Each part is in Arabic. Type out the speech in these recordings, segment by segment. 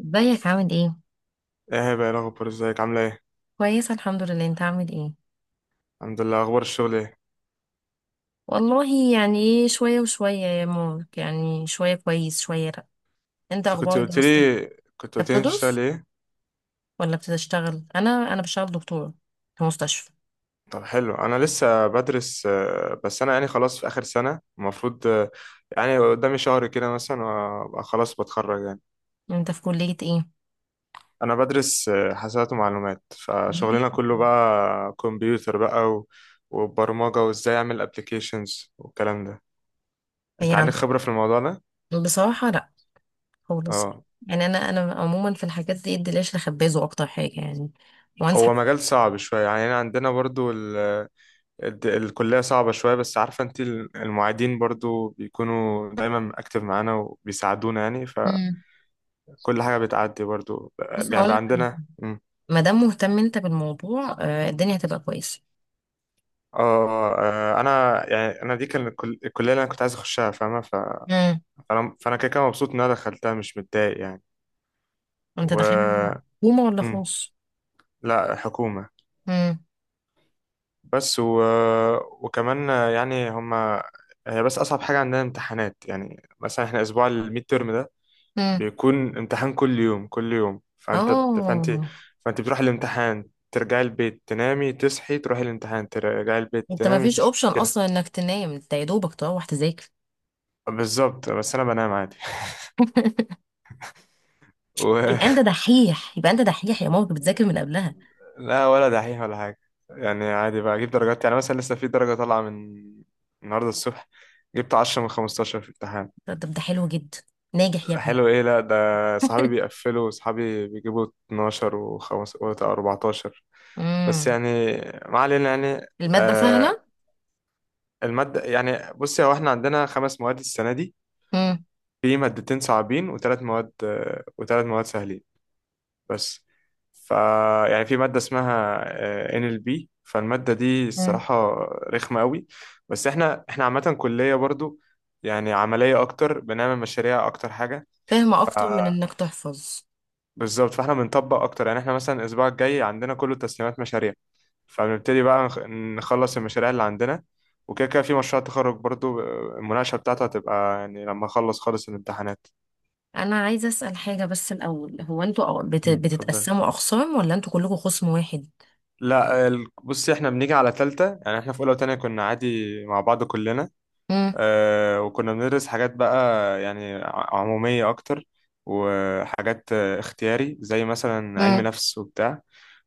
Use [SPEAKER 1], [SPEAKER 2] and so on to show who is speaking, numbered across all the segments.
[SPEAKER 1] ازيك عامل ايه؟
[SPEAKER 2] ايه بقى إيه الاخبار، ازيك عامله ايه؟
[SPEAKER 1] كويسة الحمد لله. انت عامل ايه؟
[SPEAKER 2] الحمد لله. اخبار الشغل ايه؟
[SPEAKER 1] والله يعني ايه، شوية وشوية يا مارك، يعني شوية كويس شوية لأ. انت
[SPEAKER 2] انت كنت
[SPEAKER 1] اخبار
[SPEAKER 2] قلت
[SPEAKER 1] دراستك؟
[SPEAKER 2] لي،
[SPEAKER 1] انت
[SPEAKER 2] انت بتشتغل
[SPEAKER 1] بتدرس
[SPEAKER 2] ايه؟
[SPEAKER 1] ولا بتشتغل؟ انا بشتغل دكتورة في مستشفى.
[SPEAKER 2] طب حلو، انا لسه بدرس، بس انا يعني خلاص في اخر سنه المفروض، يعني قدامي شهر كده مثلا وابقى خلاص بتخرج يعني.
[SPEAKER 1] انت في كلية ايه؟
[SPEAKER 2] انا بدرس، حاسبات ومعلومات، فشغلنا
[SPEAKER 1] مم.
[SPEAKER 2] كله بقى كمبيوتر بقى وبرمجه، وازاي اعمل ابلكيشنز والكلام ده. انت عندك
[SPEAKER 1] يعني
[SPEAKER 2] خبره في الموضوع ده؟
[SPEAKER 1] بصراحة لأ خالص.
[SPEAKER 2] اه،
[SPEAKER 1] يعني انا عموما في الحاجات دي الدلاش لخبازه اكتر حاجة يعني، وانصح.
[SPEAKER 2] هو مجال صعب شويه يعني، أنا عندنا برضو الكلية صعبة شوية، بس عارفة انت المعيدين برضو بيكونوا دايما اكتف معانا وبيساعدونا، يعني فكل
[SPEAKER 1] مم.
[SPEAKER 2] حاجة بتعدي برضو
[SPEAKER 1] بص
[SPEAKER 2] يعني، بقى
[SPEAKER 1] هقولك،
[SPEAKER 2] عندنا. مم.
[SPEAKER 1] ما دام مهتم انت بالموضوع الدنيا هتبقى كويسة.
[SPEAKER 2] اه، انا يعني انا دي كان الكلية اللي انا كنت عايز اخشها، فاهمة؟
[SPEAKER 1] مم.
[SPEAKER 2] فانا كده كده مبسوط ان انا دخلتها، مش متضايق يعني.
[SPEAKER 1] انت داخلها
[SPEAKER 2] و
[SPEAKER 1] حكومة ولا
[SPEAKER 2] مم.
[SPEAKER 1] خاص؟
[SPEAKER 2] لا، حكومة.
[SPEAKER 1] امم،
[SPEAKER 2] بس و... وكمان يعني هي، بس اصعب حاجة عندنا امتحانات، يعني مثلا احنا اسبوع الميد تيرم ده
[SPEAKER 1] امم،
[SPEAKER 2] بيكون امتحان كل يوم كل يوم، فانت
[SPEAKER 1] اه،
[SPEAKER 2] فانت بتروح الامتحان ترجعي البيت تنامي تصحي تروحي الامتحان ترجعي البيت
[SPEAKER 1] انت ما
[SPEAKER 2] تنامي
[SPEAKER 1] فيش
[SPEAKER 2] تصحي،
[SPEAKER 1] اوبشن
[SPEAKER 2] كده.
[SPEAKER 1] اصلا انك تنام، انت يا دوبك تروح تذاكر.
[SPEAKER 2] بالظبط، بس انا بنام عادي و...
[SPEAKER 1] يبقى انت دحيح، يبقى انت دحيح يا ماما، كنت بتذاكر من قبلها.
[SPEAKER 2] لا، ولا دحيح ولا حاجه، يعني عادي بجيب درجات، يعني مثلا لسه في درجه طالعه من النهارده الصبح، جبت 10 من 15 في الامتحان.
[SPEAKER 1] طب ده حلو جدا. ناجح يا ابني.
[SPEAKER 2] حلو ايه، لا ده صحابي بيقفلوا، صحابي بيجيبوا 12 و5 و14، بس
[SPEAKER 1] امم.
[SPEAKER 2] يعني ما علينا يعني.
[SPEAKER 1] المادة
[SPEAKER 2] آه،
[SPEAKER 1] سهلة.
[SPEAKER 2] المادة يعني، بصي، هو احنا عندنا خمس مواد السنة دي،
[SPEAKER 1] امم.
[SPEAKER 2] في مادتين صعبين، وثلاث مواد سهلين بس. ف يعني في مادة اسمها، NLP، فالمادة دي
[SPEAKER 1] امم.
[SPEAKER 2] الصراحة رخمة قوي. بس احنا عامة كلية برضو يعني عملية اكتر، بنعمل مشاريع اكتر حاجة.
[SPEAKER 1] فاهمة، أكتر من إنك تحفظ.
[SPEAKER 2] بالظبط، فاحنا بنطبق اكتر، يعني احنا مثلا الاسبوع الجاي عندنا كله تسليمات مشاريع، فبنبتدي بقى نخلص المشاريع اللي عندنا. وكده كده في مشروع تخرج برضو، المناقشة بتاعته هتبقى يعني لما اخلص خالص الامتحانات.
[SPEAKER 1] أنا عايزة أسأل حاجة بس الأول، هو أنتوا
[SPEAKER 2] مم. اتفضل.
[SPEAKER 1] بتتقسموا أقسام ولا أنتوا كلكم خصم واحد؟
[SPEAKER 2] لا، بصي، احنا بنيجي على تالتة، يعني احنا في اولى وتانية كنا عادي مع بعض كلنا.
[SPEAKER 1] امم.
[SPEAKER 2] اه، وكنا بندرس حاجات بقى يعني عمومية اكتر، وحاجات اختياري، زي مثلا علم
[SPEAKER 1] امم.
[SPEAKER 2] نفس وبتاع.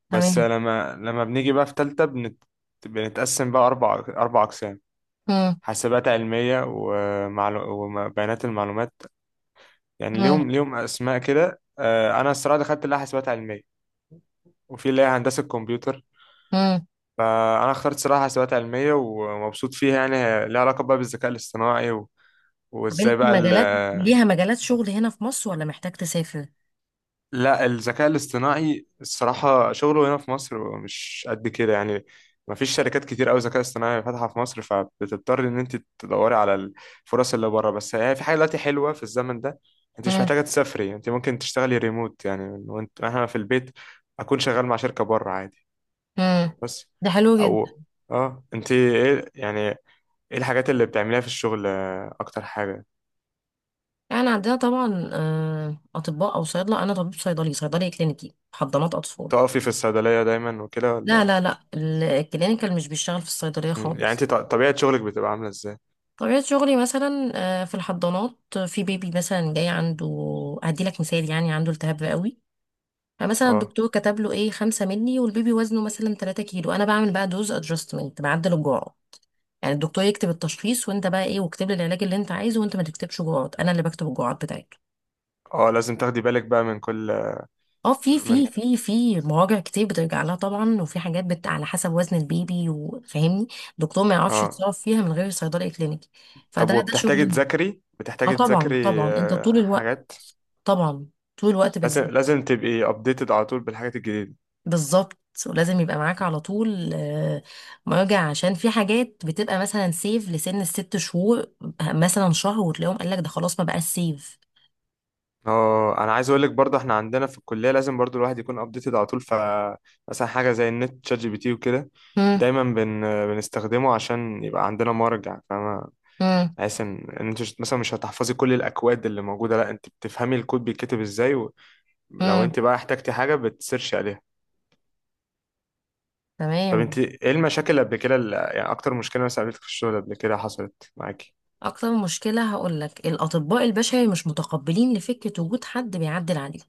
[SPEAKER 2] بس
[SPEAKER 1] تمام.
[SPEAKER 2] لما بنيجي بقى في تالتة بنتقسم بقى أربع أقسام: حاسبات علمية وبيانات المعلومات، يعني ليهم أسماء كده. أنا الصراحة دخلت اللي هي حاسبات علمية، وفي اللي هي هندسة كمبيوتر،
[SPEAKER 1] امم.
[SPEAKER 2] فأنا اخترت صراحة حاسبات علمية ومبسوط فيها. يعني هي ليها علاقة بقى بالذكاء الاصطناعي
[SPEAKER 1] طب
[SPEAKER 2] وإزاي
[SPEAKER 1] انت
[SPEAKER 2] بقى
[SPEAKER 1] مجالات شغل هنا في مصر ولا محتاج تسافر؟
[SPEAKER 2] لا، الذكاء الاصطناعي الصراحة شغله هنا في مصر مش قد كده يعني، ما فيش شركات كتير أوي ذكاء اصطناعي فاتحة في مصر، فبتضطر إن أنت تدوري على الفرص اللي بره. بس يعني في حاجة دلوقتي حلوة في الزمن ده، أنت مش
[SPEAKER 1] امم.
[SPEAKER 2] محتاجة تسافري، أنت ممكن تشتغلي ريموت يعني، من وأنت إحنا في البيت أكون شغال مع شركة بره عادي.
[SPEAKER 1] امم.
[SPEAKER 2] بس
[SPEAKER 1] ده حلو جدا.
[SPEAKER 2] أو أه أنت يعني إيه الحاجات اللي بتعمليها في الشغل، أكتر حاجة؟
[SPEAKER 1] يعني عندنا طبعا اطباء او صيادله. انا طبيب صيدلي كلينيكي، حضانات اطفال.
[SPEAKER 2] تقفي في الصيدلية دايما وكده
[SPEAKER 1] لا
[SPEAKER 2] ولا؟
[SPEAKER 1] لا لا، الكلينيكال مش بيشتغل في الصيدليه
[SPEAKER 2] مم. يعني
[SPEAKER 1] خالص.
[SPEAKER 2] أنت طبيعة شغلك بتبقى عاملة إزاي؟
[SPEAKER 1] طبيعه شغلي مثلا في الحضانات، في بيبي مثلا جاي عنده. هدي لك مثال، يعني عنده التهاب رئوي. فمثلا
[SPEAKER 2] آه.
[SPEAKER 1] الدكتور كتب له 5 ملي، والبيبي وزنه مثلا 3 كيلو. انا بعمل بقى دوز ادجستمنت، بعدل الجرعه. يعني الدكتور يكتب التشخيص وانت بقى واكتب لي العلاج اللي انت عايزه، وانت ما تكتبش جرعات، انا اللي بكتب الجرعات بتاعته.
[SPEAKER 2] اه، لازم تاخدي بالك بقى من كل،
[SPEAKER 1] اه، في
[SPEAKER 2] من
[SPEAKER 1] في في في مراجع كتير بترجع لها طبعا، وفي حاجات على حسب وزن البيبي، وفاهمني. الدكتور ما يعرفش
[SPEAKER 2] اه.
[SPEAKER 1] يتصرف فيها من غير صيدلي كلينيكي.
[SPEAKER 2] طب
[SPEAKER 1] فده
[SPEAKER 2] وبتحتاجي
[SPEAKER 1] شغل.
[SPEAKER 2] تذاكري،
[SPEAKER 1] اه
[SPEAKER 2] بتحتاجي
[SPEAKER 1] طبعا،
[SPEAKER 2] تذاكري
[SPEAKER 1] طبعا انت
[SPEAKER 2] آه،
[SPEAKER 1] طول الوقت،
[SPEAKER 2] حاجات؟
[SPEAKER 1] طبعا طول الوقت
[SPEAKER 2] لازم
[SPEAKER 1] بتزيد.
[SPEAKER 2] لازم تبقي ابديتد على طول بالحاجات الجديدة.
[SPEAKER 1] بالظبط. ولازم يبقى معاك على طول مراجع، عشان في حاجات بتبقى مثلا سيف لسن الست شهور، مثلا شهر وتلاقيهم قال لك ده خلاص ما بقاش سيف.
[SPEAKER 2] اه، انا عايز اقول لك برضه، احنا عندنا في الكلية لازم برضه الواحد يكون ابديتد على طول. مثلا حاجة زي النت ChatGPT وكده، دايما بنستخدمه عشان يبقى عندنا مرجع، فاهمة؟
[SPEAKER 1] مم.
[SPEAKER 2] بحيث إن انت مثلا مش هتحفظي كل الاكواد اللي موجودة، لا انت بتفهمي الكود بيتكتب ازاي، ولو
[SPEAKER 1] امم.
[SPEAKER 2] انت بقى احتجتي حاجة بتسيرشي عليها. طب انت
[SPEAKER 1] تمام.
[SPEAKER 2] ايه المشاكل اللي قبل كده، اللي يعني اكتر مشكله مثلا قابلتك في الشغل قبل كده، حصلت معاكي؟
[SPEAKER 1] اكتر مشكله هقول لك، الاطباء البشري مش متقبلين لفكره وجود حد بيعدل عليهم.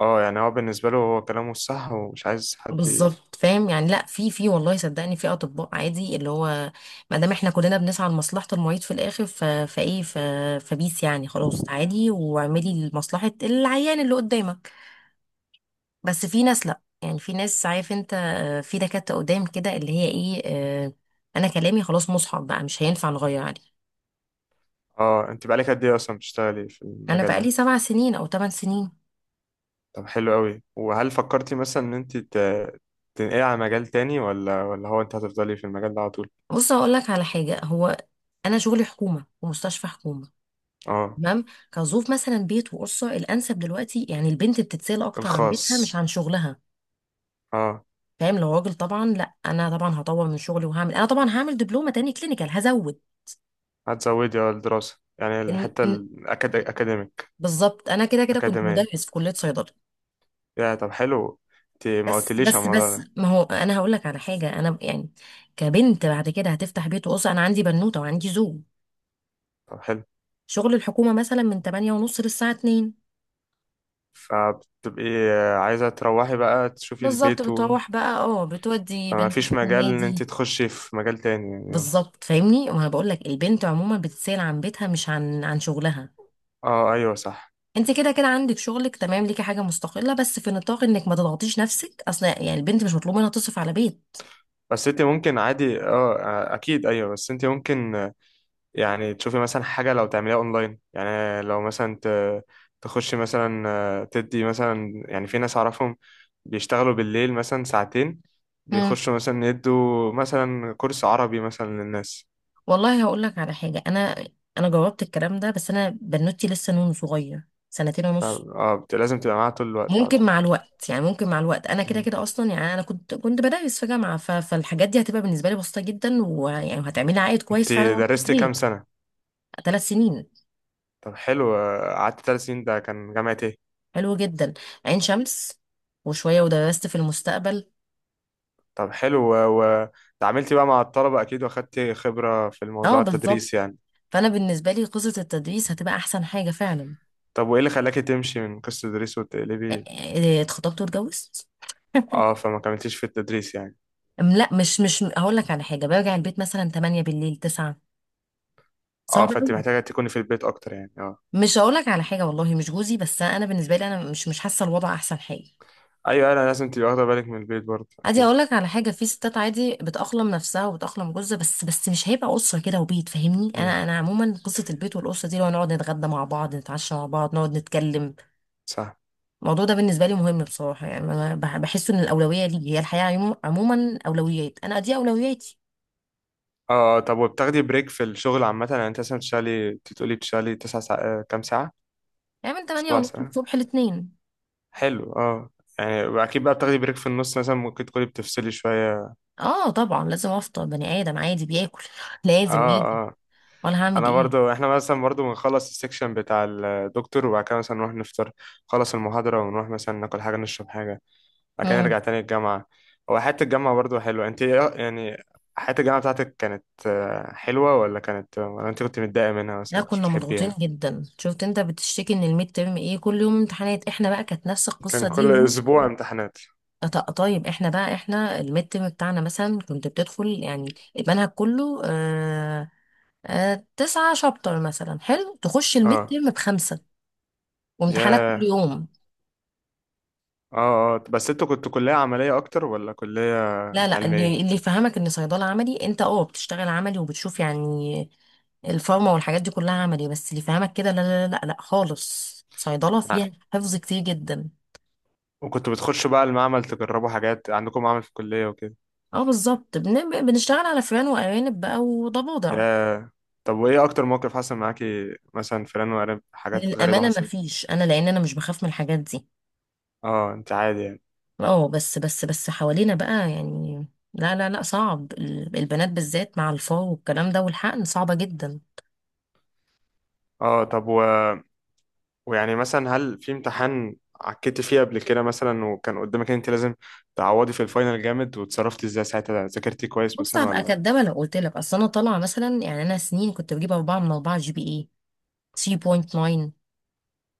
[SPEAKER 2] اه، يعني هو بالنسبه له هو كلامه الصح ومش عايز حد
[SPEAKER 1] بالظبط، فاهم يعني. لا، في والله صدقني، في اطباء عادي، اللي هو ما دام احنا كلنا بنسعى لمصلحه المريض في الاخر، فبيس يعني خلاص عادي، واعملي لمصلحه العيان اللي قدامك. بس في ناس لا، يعني في ناس، عارف انت في دكاتره قدام كده اللي هي ايه آه، انا كلامي خلاص مصحف بقى، مش هينفع نغير عليه.
[SPEAKER 2] اه. انت بقالك قد ايه اصلا بتشتغلي في
[SPEAKER 1] انا
[SPEAKER 2] المجال
[SPEAKER 1] بقالي
[SPEAKER 2] ده؟
[SPEAKER 1] 7 سنين او 8 سنين.
[SPEAKER 2] طب حلو قوي. وهل فكرتي مثلا ان انت تنقلي على مجال تاني، ولا هو انت هتفضلي في المجال ده على طول؟
[SPEAKER 1] بص هقول لك على حاجه، هو انا شغلي حكومه ومستشفى حكومه.
[SPEAKER 2] اه،
[SPEAKER 1] تمام. كظروف مثلا بيت وقرصه الانسب دلوقتي، يعني البنت بتتسال اكتر عن بيتها مش
[SPEAKER 2] الخاص.
[SPEAKER 1] عن شغلها،
[SPEAKER 2] اه،
[SPEAKER 1] فاهم؟ لو راجل طبعا لا، انا طبعا هطور من شغلي وهعمل، انا طبعا هعمل دبلومه تاني كلينيكال، هزود.
[SPEAKER 2] هتزودي اه الدراسه، يعني
[SPEAKER 1] إن...
[SPEAKER 2] الحته
[SPEAKER 1] إن...
[SPEAKER 2] الاكاديميك،
[SPEAKER 1] بالظبط، انا كده كده كنت
[SPEAKER 2] اكاديميه.
[SPEAKER 1] مدرس في كليه صيدله.
[SPEAKER 2] يا، طب حلو، انت ما
[SPEAKER 1] بس
[SPEAKER 2] قلتليش على
[SPEAKER 1] بس
[SPEAKER 2] الموضوع
[SPEAKER 1] بس
[SPEAKER 2] ده.
[SPEAKER 1] ما هو انا هقول لك على حاجه، انا يعني كبنت بعد كده هتفتح بيت وقرصه، انا عندي بنوته وعندي زوج.
[SPEAKER 2] طب حلو،
[SPEAKER 1] شغل الحكومه مثلا من 8 ونص للساعه اتنين،
[SPEAKER 2] فبتبقي عايزة تروحي بقى تشوفي
[SPEAKER 1] بالظبط.
[SPEAKER 2] البيت
[SPEAKER 1] بتروح بقى بتودي
[SPEAKER 2] فما
[SPEAKER 1] بنتك
[SPEAKER 2] فيش مجال ان انت
[SPEAKER 1] النادي.
[SPEAKER 2] تخشي في مجال تاني يعني.
[SPEAKER 1] بالظبط فاهمني، وانا بقول لك البنت عموما بتسأل عن بيتها مش عن شغلها.
[SPEAKER 2] اه ايوه صح.
[SPEAKER 1] انت كده كده عندك شغلك، تمام، ليكي حاجه مستقله، بس في نطاق انك ما تضغطيش نفسك، اصل يعني البنت مش مطلوب منها تصرف على بيت.
[SPEAKER 2] بس انت ممكن عادي، اه اكيد، ايوه بس انت ممكن يعني تشوفي مثلا حاجة لو تعمليها اونلاين، يعني لو مثلا تخشي مثلا، تدي مثلا، يعني في ناس اعرفهم بيشتغلوا بالليل مثلا ساعتين،
[SPEAKER 1] مم.
[SPEAKER 2] بيخشوا مثلا يدوا مثلا كورس عربي مثلا للناس.
[SPEAKER 1] والله هقول لك على حاجه، انا جربت الكلام ده، بس انا بنوتي لسه نون صغير، سنتين ونص.
[SPEAKER 2] اه، لازم تبقى معاها طول الوقت على
[SPEAKER 1] ممكن
[SPEAKER 2] طول.
[SPEAKER 1] مع الوقت، يعني ممكن مع الوقت انا كده
[SPEAKER 2] مم.
[SPEAKER 1] كده اصلا، يعني انا كنت بدرس في جامعه، فالحاجات دي هتبقى بالنسبه لي بسيطه جدا، ويعني وهتعملي عائد كويس
[SPEAKER 2] انت
[SPEAKER 1] فعلا وأنا في
[SPEAKER 2] درستي كام
[SPEAKER 1] البيت.
[SPEAKER 2] سنة؟
[SPEAKER 1] 3 سنين.
[SPEAKER 2] طب حلو، قعدت 3 سنين، ده كان جامعة ايه؟
[SPEAKER 1] حلو جدا. عين شمس. وشويه ودرست في المستقبل.
[SPEAKER 2] طب حلو وتعاملت بقى مع الطلبة أكيد، وأخدت خبرة في
[SPEAKER 1] اه
[SPEAKER 2] الموضوع
[SPEAKER 1] بالظبط.
[SPEAKER 2] التدريس يعني.
[SPEAKER 1] فانا بالنسبه لي قصه التدريس هتبقى احسن حاجه فعلا.
[SPEAKER 2] طب وإيه اللي خلاكي تمشي من قصة التدريس وتقلبي؟
[SPEAKER 1] إيه، اتخطبت واتجوزت.
[SPEAKER 2] اه، فما كملتيش في التدريس يعني.
[SPEAKER 1] لا، مش هقول لك على حاجه، برجع البيت مثلا 8 بالليل، 9.
[SPEAKER 2] اه،
[SPEAKER 1] صعب
[SPEAKER 2] فأنت
[SPEAKER 1] قوي.
[SPEAKER 2] محتاجة تكوني في البيت أكتر يعني، اه.
[SPEAKER 1] مش هقول لك على حاجه، والله مش جوزي، بس انا بالنسبه لي انا مش حاسه الوضع احسن حاجه.
[SPEAKER 2] أيوة، أنا لازم تبقي واخدة بالك من البيت برضه
[SPEAKER 1] عادي
[SPEAKER 2] أكيد.
[SPEAKER 1] اقول لك على حاجه، في ستات عادي بتأقلم نفسها وبتأقلم جوزها، بس مش هيبقى اسره كده وبيت، فاهمني.
[SPEAKER 2] امم،
[SPEAKER 1] انا عموما قصه البيت والاسره دي، لو نقعد نتغدى مع بعض، نتعشى مع بعض، نقعد نتكلم،
[SPEAKER 2] صح.
[SPEAKER 1] الموضوع ده بالنسبه لي مهم بصراحه. يعني انا بحس ان الاولويه لي هي الحياه عموما، اولويات، انا دي اولوياتي.
[SPEAKER 2] اه، طب وبتاخدي بريك في الشغل عامة؟ يعني أنت مثلا بتشتغلي، أنت بتقولي بتشتغلي 9 ساعات، كام ساعة؟
[SPEAKER 1] يعني من 8
[SPEAKER 2] سبع
[SPEAKER 1] ونص
[SPEAKER 2] ساعات
[SPEAKER 1] الصبح لاتنين.
[SPEAKER 2] حلو. اه، يعني أكيد بقى بتاخدي بريك في النص مثلا، ممكن تكوني بتفصلي شوية.
[SPEAKER 1] اه طبعا، لازم افطر، بني ادم عادي بياكل. لازم، لازم.
[SPEAKER 2] اه. اه،
[SPEAKER 1] ولا هعمل
[SPEAKER 2] انا
[SPEAKER 1] ايه.
[SPEAKER 2] برضو احنا مثلا برضو بنخلص السكشن بتاع الدكتور، وبعد كده مثلا نروح نفطر، نخلص المحاضرة ونروح مثلا ناكل حاجة نشرب حاجة، بعد كده نرجع تاني الجامعة. هو حياة الجامعة برضو حلوة، انت يعني حياة الجامعة بتاعتك كانت، حلوة ولا كانت، ولا انت كنت متضايقة منها مثلا
[SPEAKER 1] لا،
[SPEAKER 2] ما كنتش
[SPEAKER 1] كنا مضغوطين
[SPEAKER 2] بتحبيها؟
[SPEAKER 1] جدا. شفت انت بتشتكي ان الميد ترم كل يوم امتحانات، احنا بقى كانت نفس
[SPEAKER 2] كان
[SPEAKER 1] القصه دي.
[SPEAKER 2] كل
[SPEAKER 1] وهو
[SPEAKER 2] اسبوع امتحانات.
[SPEAKER 1] طيب، احنا بقى، احنا الميد ترم بتاعنا مثلا كنت بتدخل يعني المنهج كله آه، تسعة شابتر مثلا، حلو، تخش الميد
[SPEAKER 2] اه.
[SPEAKER 1] ترم بخمسة، وامتحانات يا كل
[SPEAKER 2] ياه.
[SPEAKER 1] يوم.
[SPEAKER 2] اه، اه، بس انتوا كنتوا كلية عملية اكتر ولا كلية
[SPEAKER 1] لا لا، اللي
[SPEAKER 2] علمية؟
[SPEAKER 1] اللي يفهمك ان صيدله عملي، انت اه بتشتغل عملي وبتشوف يعني الفارما والحاجات دي كلها عملي. بس اللي يفهمك كده لا لا لا لا لا، خالص صيدله
[SPEAKER 2] آه.
[SPEAKER 1] فيها حفظ كتير جدا.
[SPEAKER 2] وكنتوا بتخشوا بقى المعمل تجربوا حاجات، عندكم معمل في الكلية وكده؟
[SPEAKER 1] اه بالظبط. بنشتغل على فران وارانب بقى وضفادع.
[SPEAKER 2] يا، طب وايه اكتر موقف حصل معاكي مثلا، فلان وقريب حاجات غريبة
[SPEAKER 1] للامانه ما
[SPEAKER 2] حصلت؟
[SPEAKER 1] فيش، انا لان انا مش بخاف من الحاجات دي.
[SPEAKER 2] اه، انت عادي يعني.
[SPEAKER 1] اه. بس حوالينا بقى يعني، لا لا لا، صعب. البنات بالذات مع الفار والكلام ده والحقن صعبه جدا.
[SPEAKER 2] اه، طب ويعني مثلا هل في امتحان عكيتي فيه قبل كده مثلا، وكان قدامك إن انت لازم تعوضي في الفاينل جامد، وتصرفتي ازاي ساعتها، ذاكرتي كويس
[SPEAKER 1] بص
[SPEAKER 2] مثلا
[SPEAKER 1] هبقى
[SPEAKER 2] ولا؟
[SPEAKER 1] كدابه لو قلت لك، اصل انا طالعه مثلا، يعني انا سنين كنت بجيب 4 من 4 جي بي اي، 3.9.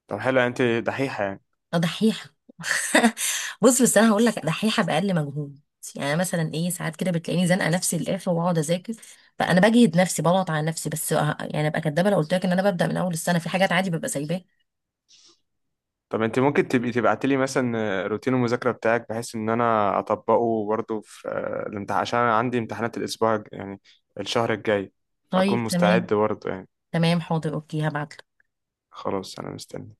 [SPEAKER 2] طب حلو، انت دحيحة يعني.
[SPEAKER 1] دحيحة. بص، بس انا هقول لك دحيحة باقل مجهود. يعني أنا مثلا ساعات كده بتلاقيني زنقة نفسي للاخر واقعد اذاكر، فانا بجهد نفسي بضغط على نفسي، بس يعني ابقى كدابة لو قلت لك ان انا ببدأ من اول السنة، في حاجات عادي ببقى سايباها.
[SPEAKER 2] طب انت ممكن تبقي تبعتي لي مثلا روتين المذاكرة بتاعك، بحيث ان انا اطبقه برضه في، الامتحان، عشان أنا عندي امتحانات الاسبوع يعني الشهر الجاي، فاكون
[SPEAKER 1] طيب، تمام.
[SPEAKER 2] مستعد برضه يعني.
[SPEAKER 1] تمام، حاضر، اوكي، هبعت.
[SPEAKER 2] خلاص انا مستني.